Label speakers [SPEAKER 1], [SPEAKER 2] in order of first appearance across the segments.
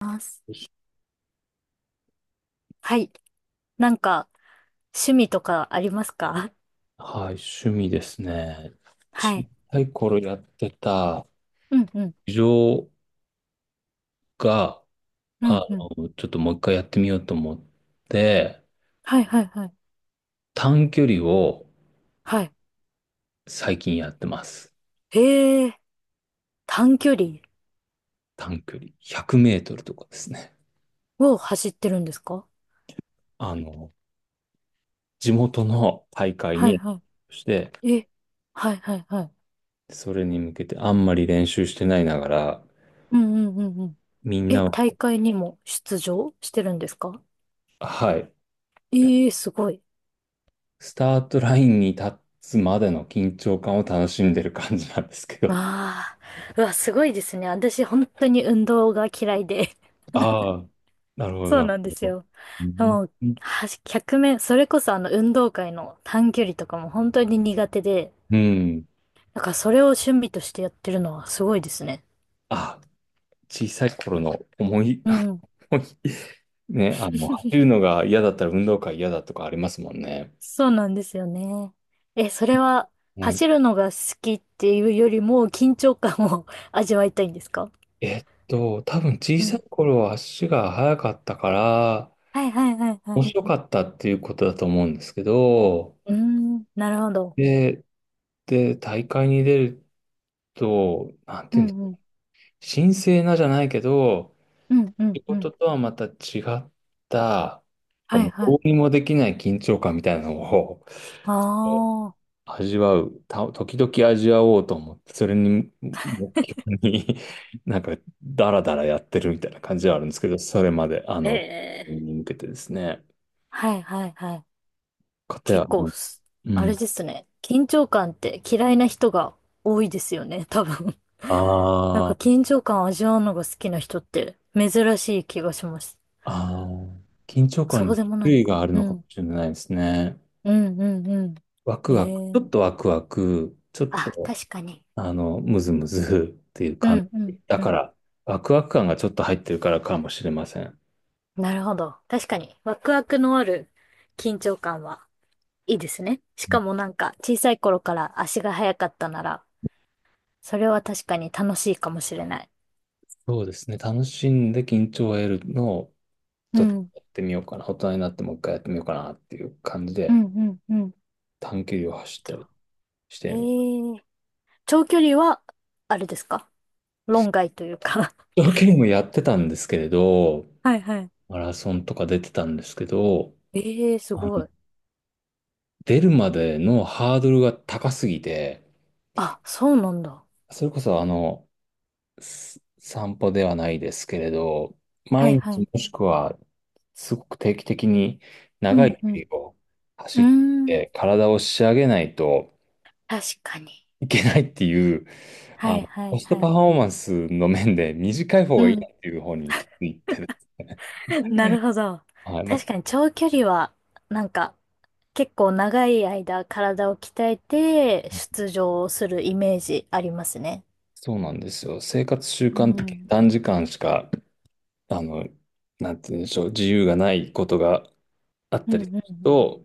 [SPEAKER 1] ます。はい。なんか、趣味とかありますか？
[SPEAKER 2] はい、趣味ですね。
[SPEAKER 1] は
[SPEAKER 2] 小
[SPEAKER 1] い。
[SPEAKER 2] さい頃やってた
[SPEAKER 1] うんうん。
[SPEAKER 2] 陸上が、
[SPEAKER 1] う
[SPEAKER 2] あ
[SPEAKER 1] んうん。
[SPEAKER 2] ちょっともう一回やってみようと思って、
[SPEAKER 1] はいはいはい。
[SPEAKER 2] 短距離を
[SPEAKER 1] はい。
[SPEAKER 2] 最近やってます。
[SPEAKER 1] へえ、短距離
[SPEAKER 2] 短距離。100メートルとかですね。
[SPEAKER 1] を走ってるんですか？
[SPEAKER 2] あの、地元の大会
[SPEAKER 1] はい
[SPEAKER 2] に、
[SPEAKER 1] は
[SPEAKER 2] して、
[SPEAKER 1] い。え、はいはいはい。
[SPEAKER 2] それに向けてあんまり練習してないながら、
[SPEAKER 1] うんうんうんうん。
[SPEAKER 2] みん
[SPEAKER 1] え、
[SPEAKER 2] なは、
[SPEAKER 1] 大会にも出場してるんですか？
[SPEAKER 2] はい、
[SPEAKER 1] ええ、すごい。
[SPEAKER 2] スタートラインに立つまでの緊張感を楽しんでる感じなんですけど。
[SPEAKER 1] ああ、うわ、すごいですね。私、本当に運動が嫌いで。
[SPEAKER 2] ああ、なるほど、
[SPEAKER 1] そう
[SPEAKER 2] なる
[SPEAKER 1] なん
[SPEAKER 2] ほ
[SPEAKER 1] です
[SPEAKER 2] ど。
[SPEAKER 1] よ。
[SPEAKER 2] うん。
[SPEAKER 1] もう、100それこそあの運動会の短距離とかも本当に苦手で、
[SPEAKER 2] うん、
[SPEAKER 1] だからそれを趣味としてやってるのはすごいですね。
[SPEAKER 2] あ、小さい頃の思い、
[SPEAKER 1] うん。
[SPEAKER 2] 思いね、あの、走るのが嫌だったら運動会嫌だとかありますもんね。
[SPEAKER 1] そうなんですよね。え、それは
[SPEAKER 2] はい。
[SPEAKER 1] 走るのが好きっていうよりも緊張感を 味わいたいんですか？
[SPEAKER 2] えっと、多分小
[SPEAKER 1] う
[SPEAKER 2] さい
[SPEAKER 1] ん。
[SPEAKER 2] 頃は足が速かったから、
[SPEAKER 1] はいはいはい
[SPEAKER 2] 面
[SPEAKER 1] は
[SPEAKER 2] 白かったっていうことだと思うんですけど、
[SPEAKER 1] い。うーん、なるほど。
[SPEAKER 2] で、で、大会に出ると、なん
[SPEAKER 1] う
[SPEAKER 2] ていうんです
[SPEAKER 1] んう
[SPEAKER 2] か、
[SPEAKER 1] ん。
[SPEAKER 2] 神聖なじゃないけど、
[SPEAKER 1] うんう
[SPEAKER 2] 仕
[SPEAKER 1] んう
[SPEAKER 2] 事
[SPEAKER 1] ん。
[SPEAKER 2] とはまた違った、なんか
[SPEAKER 1] はい
[SPEAKER 2] もう
[SPEAKER 1] は
[SPEAKER 2] どう
[SPEAKER 1] い。
[SPEAKER 2] にもできない緊張感みたいなのをえー
[SPEAKER 1] ああ。
[SPEAKER 2] 味わう、た、時々味わおうと思って、それに目標に なんかダラダラやってるみたいな感じはあるんですけど、それまで、あ
[SPEAKER 1] え
[SPEAKER 2] の、
[SPEAKER 1] え。
[SPEAKER 2] に向けてですね。
[SPEAKER 1] はいはいはい。
[SPEAKER 2] かたや、
[SPEAKER 1] 結
[SPEAKER 2] あ
[SPEAKER 1] 構
[SPEAKER 2] の、
[SPEAKER 1] す、
[SPEAKER 2] う
[SPEAKER 1] あれ
[SPEAKER 2] ん。
[SPEAKER 1] ですね。緊張感って嫌いな人が多いですよね、多分。
[SPEAKER 2] あ
[SPEAKER 1] なんか
[SPEAKER 2] ー、
[SPEAKER 1] 緊張感味わうのが好きな人って珍しい気がします。
[SPEAKER 2] あー、緊張
[SPEAKER 1] そ
[SPEAKER 2] 感
[SPEAKER 1] うで
[SPEAKER 2] に
[SPEAKER 1] もない
[SPEAKER 2] 種
[SPEAKER 1] の
[SPEAKER 2] 類
[SPEAKER 1] か。
[SPEAKER 2] がある
[SPEAKER 1] う
[SPEAKER 2] のかも
[SPEAKER 1] ん。
[SPEAKER 2] しれないですね。
[SPEAKER 1] うん、うん、うん。
[SPEAKER 2] ワク
[SPEAKER 1] え
[SPEAKER 2] ワク、ちょ
[SPEAKER 1] え。
[SPEAKER 2] っとワクワク、ちょっ
[SPEAKER 1] あ、
[SPEAKER 2] と
[SPEAKER 1] 確かに。
[SPEAKER 2] あの、ムズムズっていう
[SPEAKER 1] う
[SPEAKER 2] 感
[SPEAKER 1] ん、う
[SPEAKER 2] じ。
[SPEAKER 1] ん、
[SPEAKER 2] だ
[SPEAKER 1] う
[SPEAKER 2] か
[SPEAKER 1] ん。
[SPEAKER 2] ら、ワクワク感がちょっと入ってるからかもしれません。
[SPEAKER 1] なるほど。確かに。ワクワクのある緊張感はいいですね。し
[SPEAKER 2] う
[SPEAKER 1] か
[SPEAKER 2] ん、
[SPEAKER 1] もなんか小さい頃から足が速かったなら、それは確かに楽しいかもしれない。
[SPEAKER 2] そうですね。楽しんで緊張を得るのを
[SPEAKER 1] う
[SPEAKER 2] ちょっと
[SPEAKER 1] ん、
[SPEAKER 2] やってみようかな。大人になってもう一回やってみようかなっていう感じ
[SPEAKER 1] う
[SPEAKER 2] で
[SPEAKER 1] ん、うん、うん。
[SPEAKER 2] 短距離を走った
[SPEAKER 1] と、
[SPEAKER 2] りして
[SPEAKER 1] え
[SPEAKER 2] みる。
[SPEAKER 1] え長距離は、あれですか？論外というか
[SPEAKER 2] 長距離もやってたんですけれど、
[SPEAKER 1] はいはい。
[SPEAKER 2] マラソンとか出てたんですけど、
[SPEAKER 1] ええす
[SPEAKER 2] あの、
[SPEAKER 1] ごい。
[SPEAKER 2] 出るまでのハードルが高すぎて、
[SPEAKER 1] あ、そうなんだ。
[SPEAKER 2] それこそあの、す散歩ではないですけれど、
[SPEAKER 1] は
[SPEAKER 2] 毎
[SPEAKER 1] いはい。
[SPEAKER 2] 日もしくは、すごく定期的に
[SPEAKER 1] う
[SPEAKER 2] 長い
[SPEAKER 1] ん
[SPEAKER 2] 距
[SPEAKER 1] うん。
[SPEAKER 2] 離を
[SPEAKER 1] う
[SPEAKER 2] 走
[SPEAKER 1] ー
[SPEAKER 2] っ
[SPEAKER 1] ん。
[SPEAKER 2] て体を仕上げないと
[SPEAKER 1] 確かに。
[SPEAKER 2] いけないっていう、あ
[SPEAKER 1] はい
[SPEAKER 2] の、
[SPEAKER 1] は
[SPEAKER 2] コ
[SPEAKER 1] い
[SPEAKER 2] スト
[SPEAKER 1] は
[SPEAKER 2] パフ
[SPEAKER 1] い。
[SPEAKER 2] ォーマンスの面で短い方
[SPEAKER 1] う
[SPEAKER 2] がいいな
[SPEAKER 1] ん。
[SPEAKER 2] っていう方に気づいてですね。
[SPEAKER 1] なるほど。
[SPEAKER 2] はい、ま
[SPEAKER 1] 確
[SPEAKER 2] あ、
[SPEAKER 1] かに長距離は、なんか、結構長い間体を鍛えて出場するイメージありますね。
[SPEAKER 2] そうなんですよ。生活習
[SPEAKER 1] う
[SPEAKER 2] 慣的に
[SPEAKER 1] ん。
[SPEAKER 2] 短時間しか、あの、なんて言うんでしょう、自由がないことがあっ
[SPEAKER 1] う
[SPEAKER 2] た
[SPEAKER 1] んう
[SPEAKER 2] りする
[SPEAKER 1] んうん。
[SPEAKER 2] と、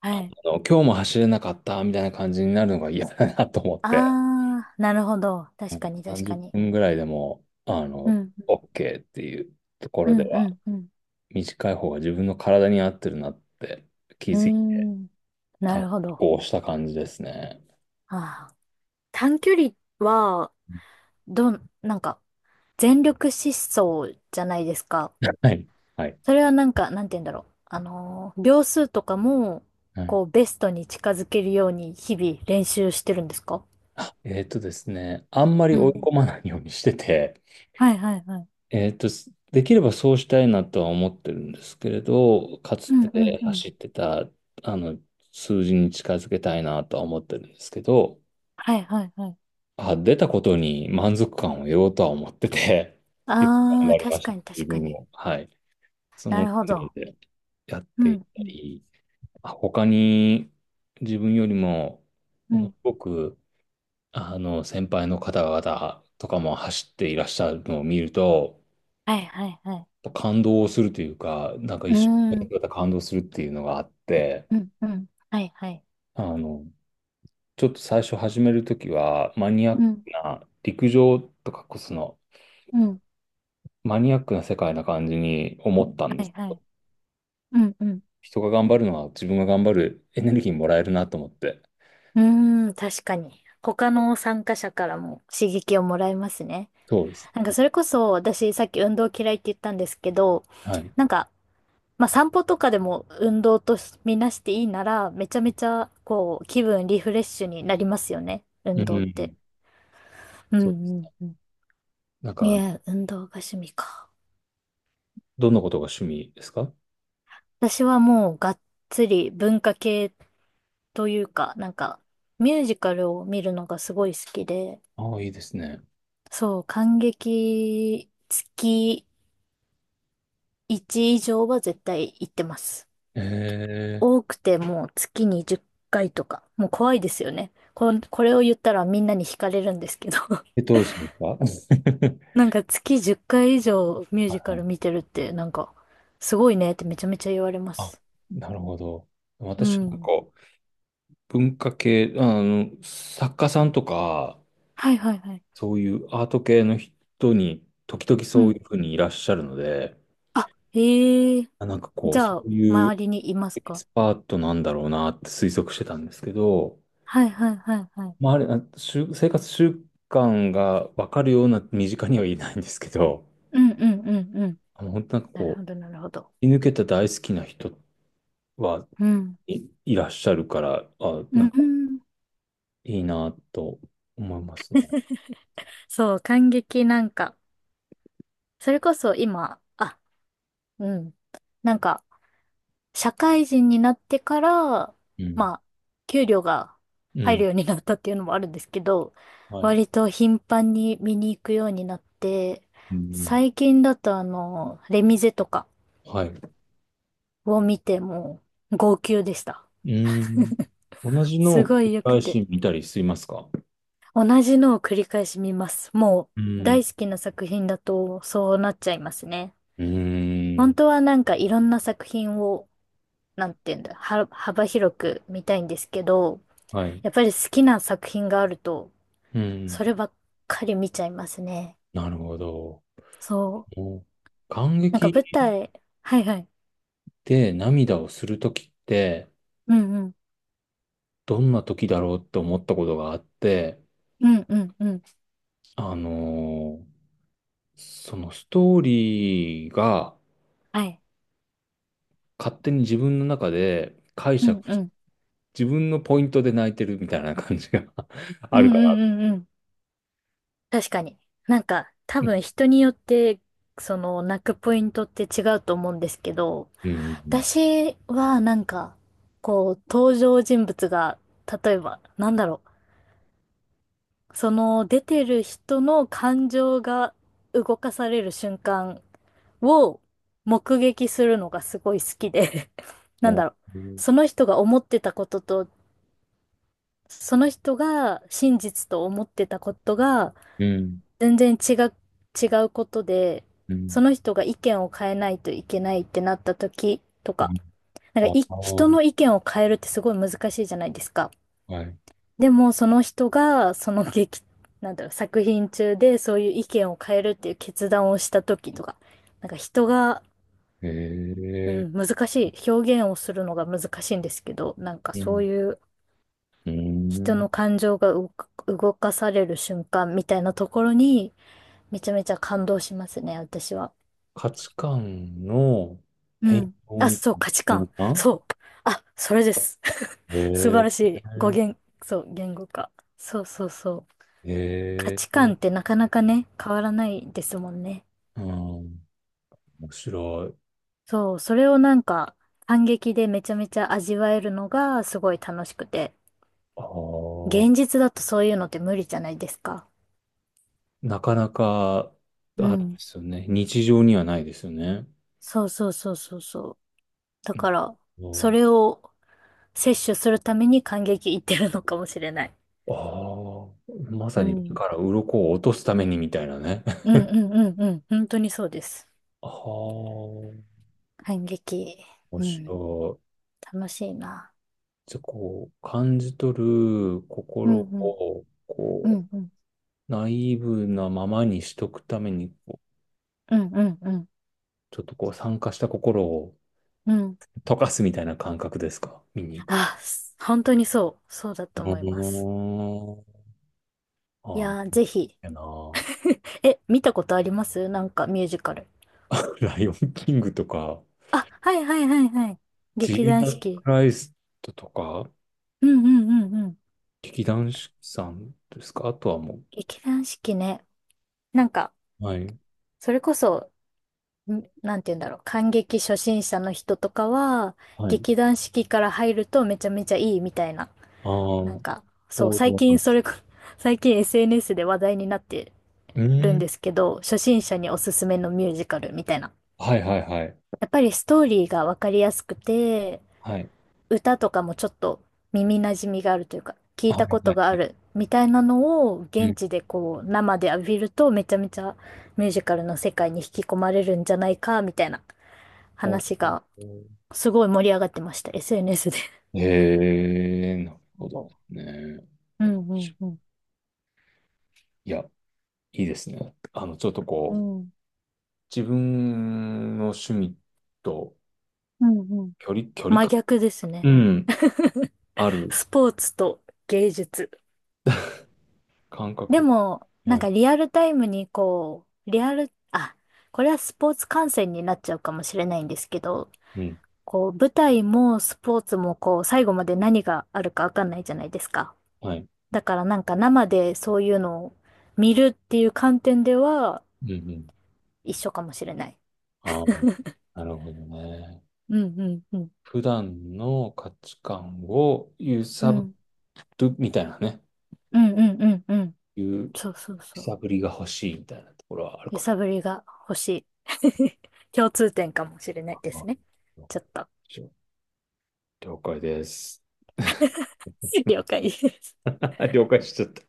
[SPEAKER 1] はい。
[SPEAKER 2] あの今日も走れなかったみたいな感じになるのが嫌だなと思って、
[SPEAKER 1] あー、なるほど。
[SPEAKER 2] う
[SPEAKER 1] 確
[SPEAKER 2] ん、
[SPEAKER 1] かに確
[SPEAKER 2] 30
[SPEAKER 1] かに。
[SPEAKER 2] 分ぐらいでも、あ
[SPEAKER 1] う
[SPEAKER 2] の、
[SPEAKER 1] ん。
[SPEAKER 2] OK っていうとこ
[SPEAKER 1] う
[SPEAKER 2] ろで
[SPEAKER 1] んう
[SPEAKER 2] は、
[SPEAKER 1] んうん。
[SPEAKER 2] 短い方が自分の体に合ってるなって気
[SPEAKER 1] うー
[SPEAKER 2] づい
[SPEAKER 1] ん。な
[SPEAKER 2] た、
[SPEAKER 1] るほど。
[SPEAKER 2] こうした感じですね。
[SPEAKER 1] ああ。短距離は、なんか、全力疾走じゃないですか。
[SPEAKER 2] はい。はい。
[SPEAKER 1] それはなんか、なんて言うんだろう。秒数とかも、
[SPEAKER 2] はい。
[SPEAKER 1] こう、ベストに近づけるように日々練習してるんですか？
[SPEAKER 2] えっとですね、あんまり
[SPEAKER 1] う
[SPEAKER 2] 追い
[SPEAKER 1] ん。
[SPEAKER 2] 込まないようにしてて、
[SPEAKER 1] はいはいはい。
[SPEAKER 2] えっと、できればそうしたいなとは思ってるんですけれど、かつ
[SPEAKER 1] うんうん
[SPEAKER 2] て
[SPEAKER 1] うん。
[SPEAKER 2] 走ってた、あの、数字に近づけたいなとは思ってるんですけど、
[SPEAKER 1] はいはいはい。
[SPEAKER 2] あ、出たことに満足感を得ようとは思ってて、よく頑
[SPEAKER 1] ああ、
[SPEAKER 2] 張りま
[SPEAKER 1] 確
[SPEAKER 2] した、
[SPEAKER 1] かに確
[SPEAKER 2] 自
[SPEAKER 1] か
[SPEAKER 2] 分
[SPEAKER 1] に。
[SPEAKER 2] も。はい。その
[SPEAKER 1] な
[SPEAKER 2] 程
[SPEAKER 1] るほ
[SPEAKER 2] 度
[SPEAKER 1] ど。
[SPEAKER 2] でやっ
[SPEAKER 1] う
[SPEAKER 2] ていっ
[SPEAKER 1] んう
[SPEAKER 2] た
[SPEAKER 1] ん
[SPEAKER 2] り、あ、他に自分よりも、
[SPEAKER 1] う
[SPEAKER 2] ものす
[SPEAKER 1] ん。
[SPEAKER 2] ごく、あの、先輩の方々とかも走っていらっしゃるのを見ると、
[SPEAKER 1] はいはいはい。
[SPEAKER 2] 感動するというか、なんか
[SPEAKER 1] うー
[SPEAKER 2] 一緒に
[SPEAKER 1] ん。
[SPEAKER 2] やった感動するっていうのがあって、
[SPEAKER 1] うんうん。はいはい。
[SPEAKER 2] あの、ちょっと最初始めるときは、マニアッ
[SPEAKER 1] う
[SPEAKER 2] ク
[SPEAKER 1] ん
[SPEAKER 2] な陸上とか、その、
[SPEAKER 1] うん。
[SPEAKER 2] マニアックな世界な感じに思ったんで
[SPEAKER 1] はい
[SPEAKER 2] す。
[SPEAKER 1] はい。うんうん。
[SPEAKER 2] 人が頑張るのは自分が頑張るエネルギーもらえるなと思って。
[SPEAKER 1] うーん、確かに。他の参加者からも刺激をもらえますね。
[SPEAKER 2] そうです。
[SPEAKER 1] なんかそれこそ私さっき運動嫌いって言ったんですけど、
[SPEAKER 2] はい。
[SPEAKER 1] なんか、まあ散歩とかでも運動とみなしていいなら、めちゃめちゃこう気分リフレッシュになりますよね。
[SPEAKER 2] う
[SPEAKER 1] 運動って。
[SPEAKER 2] ん。
[SPEAKER 1] うん
[SPEAKER 2] そうで
[SPEAKER 1] うん
[SPEAKER 2] す。
[SPEAKER 1] うん。
[SPEAKER 2] なん
[SPEAKER 1] い
[SPEAKER 2] か、
[SPEAKER 1] や、運動が趣味か。
[SPEAKER 2] どんなことが趣味ですか？
[SPEAKER 1] 私はもうがっつり文化系というか、なんかミュージカルを見るのがすごい好きで、
[SPEAKER 2] ああ、いいですね。
[SPEAKER 1] そう、感激月1以上は絶対行ってます。
[SPEAKER 2] ええ
[SPEAKER 1] 多くてもう月に10回とか。もう怖いですよね。これを言ったらみんなに惹かれるんですけど。
[SPEAKER 2] え、どうしますか？
[SPEAKER 1] なんか月10回以上ミュー
[SPEAKER 2] は
[SPEAKER 1] ジ
[SPEAKER 2] い
[SPEAKER 1] カ
[SPEAKER 2] は
[SPEAKER 1] ル
[SPEAKER 2] い、
[SPEAKER 1] 見てるってなんかすごいねってめちゃめちゃ言われま
[SPEAKER 2] あ、
[SPEAKER 1] す。
[SPEAKER 2] なるほど。
[SPEAKER 1] う
[SPEAKER 2] 私なんか、
[SPEAKER 1] ん。
[SPEAKER 2] 文化系、あの、作家さんとか、
[SPEAKER 1] はいはいはい。
[SPEAKER 2] そういうアート系の人に、時々
[SPEAKER 1] う
[SPEAKER 2] そうい
[SPEAKER 1] ん。
[SPEAKER 2] うふうにいらっしゃるので、
[SPEAKER 1] あ、へえ。
[SPEAKER 2] あ、なんかこ
[SPEAKER 1] じ
[SPEAKER 2] う、
[SPEAKER 1] ゃ
[SPEAKER 2] そ
[SPEAKER 1] あ、
[SPEAKER 2] ういう
[SPEAKER 1] 周りにいます
[SPEAKER 2] エキ
[SPEAKER 1] か？
[SPEAKER 2] スパートなんだろうなって推測してたんですけど、
[SPEAKER 1] はいはいはいはい。
[SPEAKER 2] まあ、あれ、あ習生活習慣がわかるような身近にはいないんですけど、
[SPEAKER 1] うんうんうんうん。
[SPEAKER 2] あの、本当なんか
[SPEAKER 1] なる
[SPEAKER 2] こ
[SPEAKER 1] ほどなるほど。
[SPEAKER 2] う、居抜けた大好きな人は
[SPEAKER 1] うん。
[SPEAKER 2] いいらっしゃるから、あ、
[SPEAKER 1] う
[SPEAKER 2] なんか
[SPEAKER 1] ん。
[SPEAKER 2] いいなと思いますね。
[SPEAKER 1] そう、感激なんか、それこそ今、あ、うん。なんか、社会人になってから、
[SPEAKER 2] うん。
[SPEAKER 1] まあ、給料が
[SPEAKER 2] う
[SPEAKER 1] 入る
[SPEAKER 2] ん。
[SPEAKER 1] ようになったっていうのもあるんですけど、
[SPEAKER 2] はい。
[SPEAKER 1] 割と頻繁に見に行くようになって、
[SPEAKER 2] うん。
[SPEAKER 1] 最近だとあの、レミゼとか
[SPEAKER 2] はい。
[SPEAKER 1] を見ても、号泣でした。
[SPEAKER 2] うん。同じの
[SPEAKER 1] す
[SPEAKER 2] を繰
[SPEAKER 1] ごい
[SPEAKER 2] り
[SPEAKER 1] 良く
[SPEAKER 2] 返
[SPEAKER 1] て。
[SPEAKER 2] し見たりしますか？
[SPEAKER 1] 同じのを繰り返し見ます。も
[SPEAKER 2] う
[SPEAKER 1] う、
[SPEAKER 2] ん。
[SPEAKER 1] 大好きな作品だと、そうなっちゃいますね。
[SPEAKER 2] うー
[SPEAKER 1] 本
[SPEAKER 2] ん。
[SPEAKER 1] 当はなんかいろんな作品を、なんていうんだ、幅広く見たいんですけど、
[SPEAKER 2] はい。
[SPEAKER 1] やっぱり好きな作品があると、
[SPEAKER 2] うん。
[SPEAKER 1] そればっかり見ちゃいますね。
[SPEAKER 2] なるほど。
[SPEAKER 1] そう。
[SPEAKER 2] もう、感
[SPEAKER 1] なんか舞
[SPEAKER 2] 激
[SPEAKER 1] 台、はいはい。
[SPEAKER 2] で、涙をするときって、
[SPEAKER 1] うんうん。
[SPEAKER 2] どんなときだろうって思ったことがあって、
[SPEAKER 1] うんうんうん。
[SPEAKER 2] あのーそのストーリーが
[SPEAKER 1] はい。
[SPEAKER 2] 勝手に自分の中で解
[SPEAKER 1] うん
[SPEAKER 2] 釈
[SPEAKER 1] う
[SPEAKER 2] し、
[SPEAKER 1] ん。
[SPEAKER 2] 自分のポイントで泣いてるみたいな感じが
[SPEAKER 1] う
[SPEAKER 2] あるか
[SPEAKER 1] んう
[SPEAKER 2] ら。
[SPEAKER 1] んうんうん。確かに。なんか多
[SPEAKER 2] うん。
[SPEAKER 1] 分人によって、その泣くポイントって違うと思うんですけど、
[SPEAKER 2] うん。
[SPEAKER 1] 私はなんか、こう、登場人物が、例えば、なんだろう。その出てる人の感情が動かされる瞬間を目撃するのがすごい好きで、なんだろう、その人が思ってたことと、その人が真実と思ってたことが
[SPEAKER 2] うん。
[SPEAKER 1] 全然違うことで、
[SPEAKER 2] う
[SPEAKER 1] そ
[SPEAKER 2] ん。
[SPEAKER 1] の人が意見を変えないといけないってなった時とか、なん
[SPEAKER 2] あ
[SPEAKER 1] かい、
[SPEAKER 2] あ
[SPEAKER 1] 人
[SPEAKER 2] ー、
[SPEAKER 1] の意見を変えるってすごい難しいじゃないですか。
[SPEAKER 2] はい。
[SPEAKER 1] でも、その人が、その劇、なんだろう、作品中でそういう意見を変えるっていう決断をした時とか、なんか人が、
[SPEAKER 2] へ
[SPEAKER 1] うん、
[SPEAKER 2] え。
[SPEAKER 1] 難しい、表現をするのが難しいんですけど、なんか
[SPEAKER 2] う
[SPEAKER 1] そう
[SPEAKER 2] ん。
[SPEAKER 1] いう
[SPEAKER 2] う
[SPEAKER 1] 人
[SPEAKER 2] ん。
[SPEAKER 1] の感情が動かされる瞬間みたいなところに、めちゃめちゃ感動しますね、私は。
[SPEAKER 2] 価値観の
[SPEAKER 1] う
[SPEAKER 2] 変
[SPEAKER 1] ん。
[SPEAKER 2] 容
[SPEAKER 1] あ、
[SPEAKER 2] みた
[SPEAKER 1] そう、
[SPEAKER 2] いな
[SPEAKER 1] 価値
[SPEAKER 2] 瞬
[SPEAKER 1] 観。
[SPEAKER 2] 間。
[SPEAKER 1] そう。あ、それです。
[SPEAKER 2] へ
[SPEAKER 1] 素晴らし
[SPEAKER 2] え。
[SPEAKER 1] い。語源、そう、言語化。そうそうそう。価
[SPEAKER 2] え
[SPEAKER 1] 値
[SPEAKER 2] え、
[SPEAKER 1] 観ってなかなかね、変わらないですもんね。
[SPEAKER 2] うん、面白い。
[SPEAKER 1] そう、それをなんか、感激でめちゃめちゃ味わえるのがすごい楽しくて。
[SPEAKER 2] ああ、
[SPEAKER 1] 現実だとそういうのって無理じゃないですか。
[SPEAKER 2] なかなか、
[SPEAKER 1] う
[SPEAKER 2] あれで
[SPEAKER 1] ん。
[SPEAKER 2] すよね。日常にはないですよね。
[SPEAKER 1] そうそうそうそうそう。だから、
[SPEAKER 2] う
[SPEAKER 1] そ
[SPEAKER 2] ん、
[SPEAKER 1] れを摂取するために感激いってるのかもしれない。
[SPEAKER 2] ああ、ま
[SPEAKER 1] う
[SPEAKER 2] さに目
[SPEAKER 1] ん。
[SPEAKER 2] から鱗を落とすためにみたいなね。
[SPEAKER 1] うんうんうんうん。本当にそうです。
[SPEAKER 2] ああ、面
[SPEAKER 1] 感激。
[SPEAKER 2] 白
[SPEAKER 1] うん。
[SPEAKER 2] い。
[SPEAKER 1] 楽しいな。
[SPEAKER 2] じゃあ、こう、感じ取る
[SPEAKER 1] う
[SPEAKER 2] 心
[SPEAKER 1] んうん。
[SPEAKER 2] を、
[SPEAKER 1] う
[SPEAKER 2] こ
[SPEAKER 1] んうん。
[SPEAKER 2] う、ナイーブなままにしとくために、こ
[SPEAKER 1] うんうんうん。
[SPEAKER 2] うちょっとこう、酸化した心を
[SPEAKER 1] うん
[SPEAKER 2] 溶かすみたいな感覚ですか？見に行く。
[SPEAKER 1] あ、本当にそうだと
[SPEAKER 2] う
[SPEAKER 1] 思います。
[SPEAKER 2] ーん、
[SPEAKER 1] い
[SPEAKER 2] ああ、
[SPEAKER 1] やー、ぜひ。
[SPEAKER 2] やな。
[SPEAKER 1] え、見たことあります？なんかミュージカル。
[SPEAKER 2] ライオンキングとか、
[SPEAKER 1] あ、はいはいはいはい。
[SPEAKER 2] ジ
[SPEAKER 1] 劇
[SPEAKER 2] ー
[SPEAKER 1] 団
[SPEAKER 2] ザ
[SPEAKER 1] 四
[SPEAKER 2] スク
[SPEAKER 1] 季。
[SPEAKER 2] ライストとか、
[SPEAKER 1] うんうんうんうん。
[SPEAKER 2] 劇団四季さんですか？あとはも
[SPEAKER 1] 劇団四季ね。なんか、
[SPEAKER 2] う。はい。
[SPEAKER 1] それこそ、なんて言うんだろう。観劇初心者の人とかは、
[SPEAKER 2] はい。
[SPEAKER 1] 劇団四季から入るとめちゃめちゃいいみたいな。
[SPEAKER 2] ああ、
[SPEAKER 1] な
[SPEAKER 2] 王
[SPEAKER 1] んか、そう、
[SPEAKER 2] 道
[SPEAKER 1] 最
[SPEAKER 2] な
[SPEAKER 1] 近
[SPEAKER 2] んで
[SPEAKER 1] それ
[SPEAKER 2] す。
[SPEAKER 1] こ、最近 SNS で話題になって
[SPEAKER 2] う
[SPEAKER 1] る
[SPEAKER 2] ー
[SPEAKER 1] んで
[SPEAKER 2] ん。
[SPEAKER 1] すけど、初心者におすすめのミュージカルみたいな。
[SPEAKER 2] はいはいはい。
[SPEAKER 1] やっぱりストーリーがわかりやすくて、
[SPEAKER 2] はい。
[SPEAKER 1] 歌とかもちょっと耳馴染みがあるというか、聞い
[SPEAKER 2] は
[SPEAKER 1] た
[SPEAKER 2] い
[SPEAKER 1] こ
[SPEAKER 2] は
[SPEAKER 1] と
[SPEAKER 2] い
[SPEAKER 1] があ
[SPEAKER 2] はい。
[SPEAKER 1] るみたいなのを
[SPEAKER 2] う
[SPEAKER 1] 現
[SPEAKER 2] ん、
[SPEAKER 1] 地でこう生で浴びるとめちゃめちゃミュージカルの世界に引き込まれるんじゃないかみたいな
[SPEAKER 2] ほう
[SPEAKER 1] 話
[SPEAKER 2] ほう
[SPEAKER 1] が
[SPEAKER 2] ほ
[SPEAKER 1] すごい盛り上がってました。SNS で。
[SPEAKER 2] う、へえ、なるほどですね。
[SPEAKER 1] うん。
[SPEAKER 2] いや、いいですね。あの、ちょっとこう、自分の趣味と
[SPEAKER 1] うんうん。
[SPEAKER 2] 距離、距離
[SPEAKER 1] 真
[SPEAKER 2] 感、
[SPEAKER 1] 逆です
[SPEAKER 2] う
[SPEAKER 1] ね。
[SPEAKER 2] ん、ある
[SPEAKER 1] スポーツと芸術。
[SPEAKER 2] 感
[SPEAKER 1] で
[SPEAKER 2] 覚。
[SPEAKER 1] も、なん
[SPEAKER 2] はい。
[SPEAKER 1] かリアルタイムにこう、リアル、あ、これはスポーツ観戦になっちゃうかもしれないんですけど、
[SPEAKER 2] うん、
[SPEAKER 1] こう、舞台もスポーツもこう、最後まで何があるかわかんないじゃないですか。
[SPEAKER 2] はい。
[SPEAKER 1] だからなんか生でそういうのを見るっていう観点では
[SPEAKER 2] うんうん。
[SPEAKER 1] 一緒かもしれない。
[SPEAKER 2] ああ、なるほどね。
[SPEAKER 1] うんうんうん。
[SPEAKER 2] 普段の価値観を揺
[SPEAKER 1] う
[SPEAKER 2] さぶ
[SPEAKER 1] ん。
[SPEAKER 2] るみたいなね。
[SPEAKER 1] うんうんうんうん。
[SPEAKER 2] 揺
[SPEAKER 1] そうそうそう。
[SPEAKER 2] さぶりが欲しいみたいなところはある
[SPEAKER 1] 揺
[SPEAKER 2] かも
[SPEAKER 1] さ
[SPEAKER 2] し
[SPEAKER 1] ぶりが欲しい。共通点かもしれないですね。ちょっと、
[SPEAKER 2] れない。あ、了解です。
[SPEAKER 1] 了解です。
[SPEAKER 2] 了解しちゃった。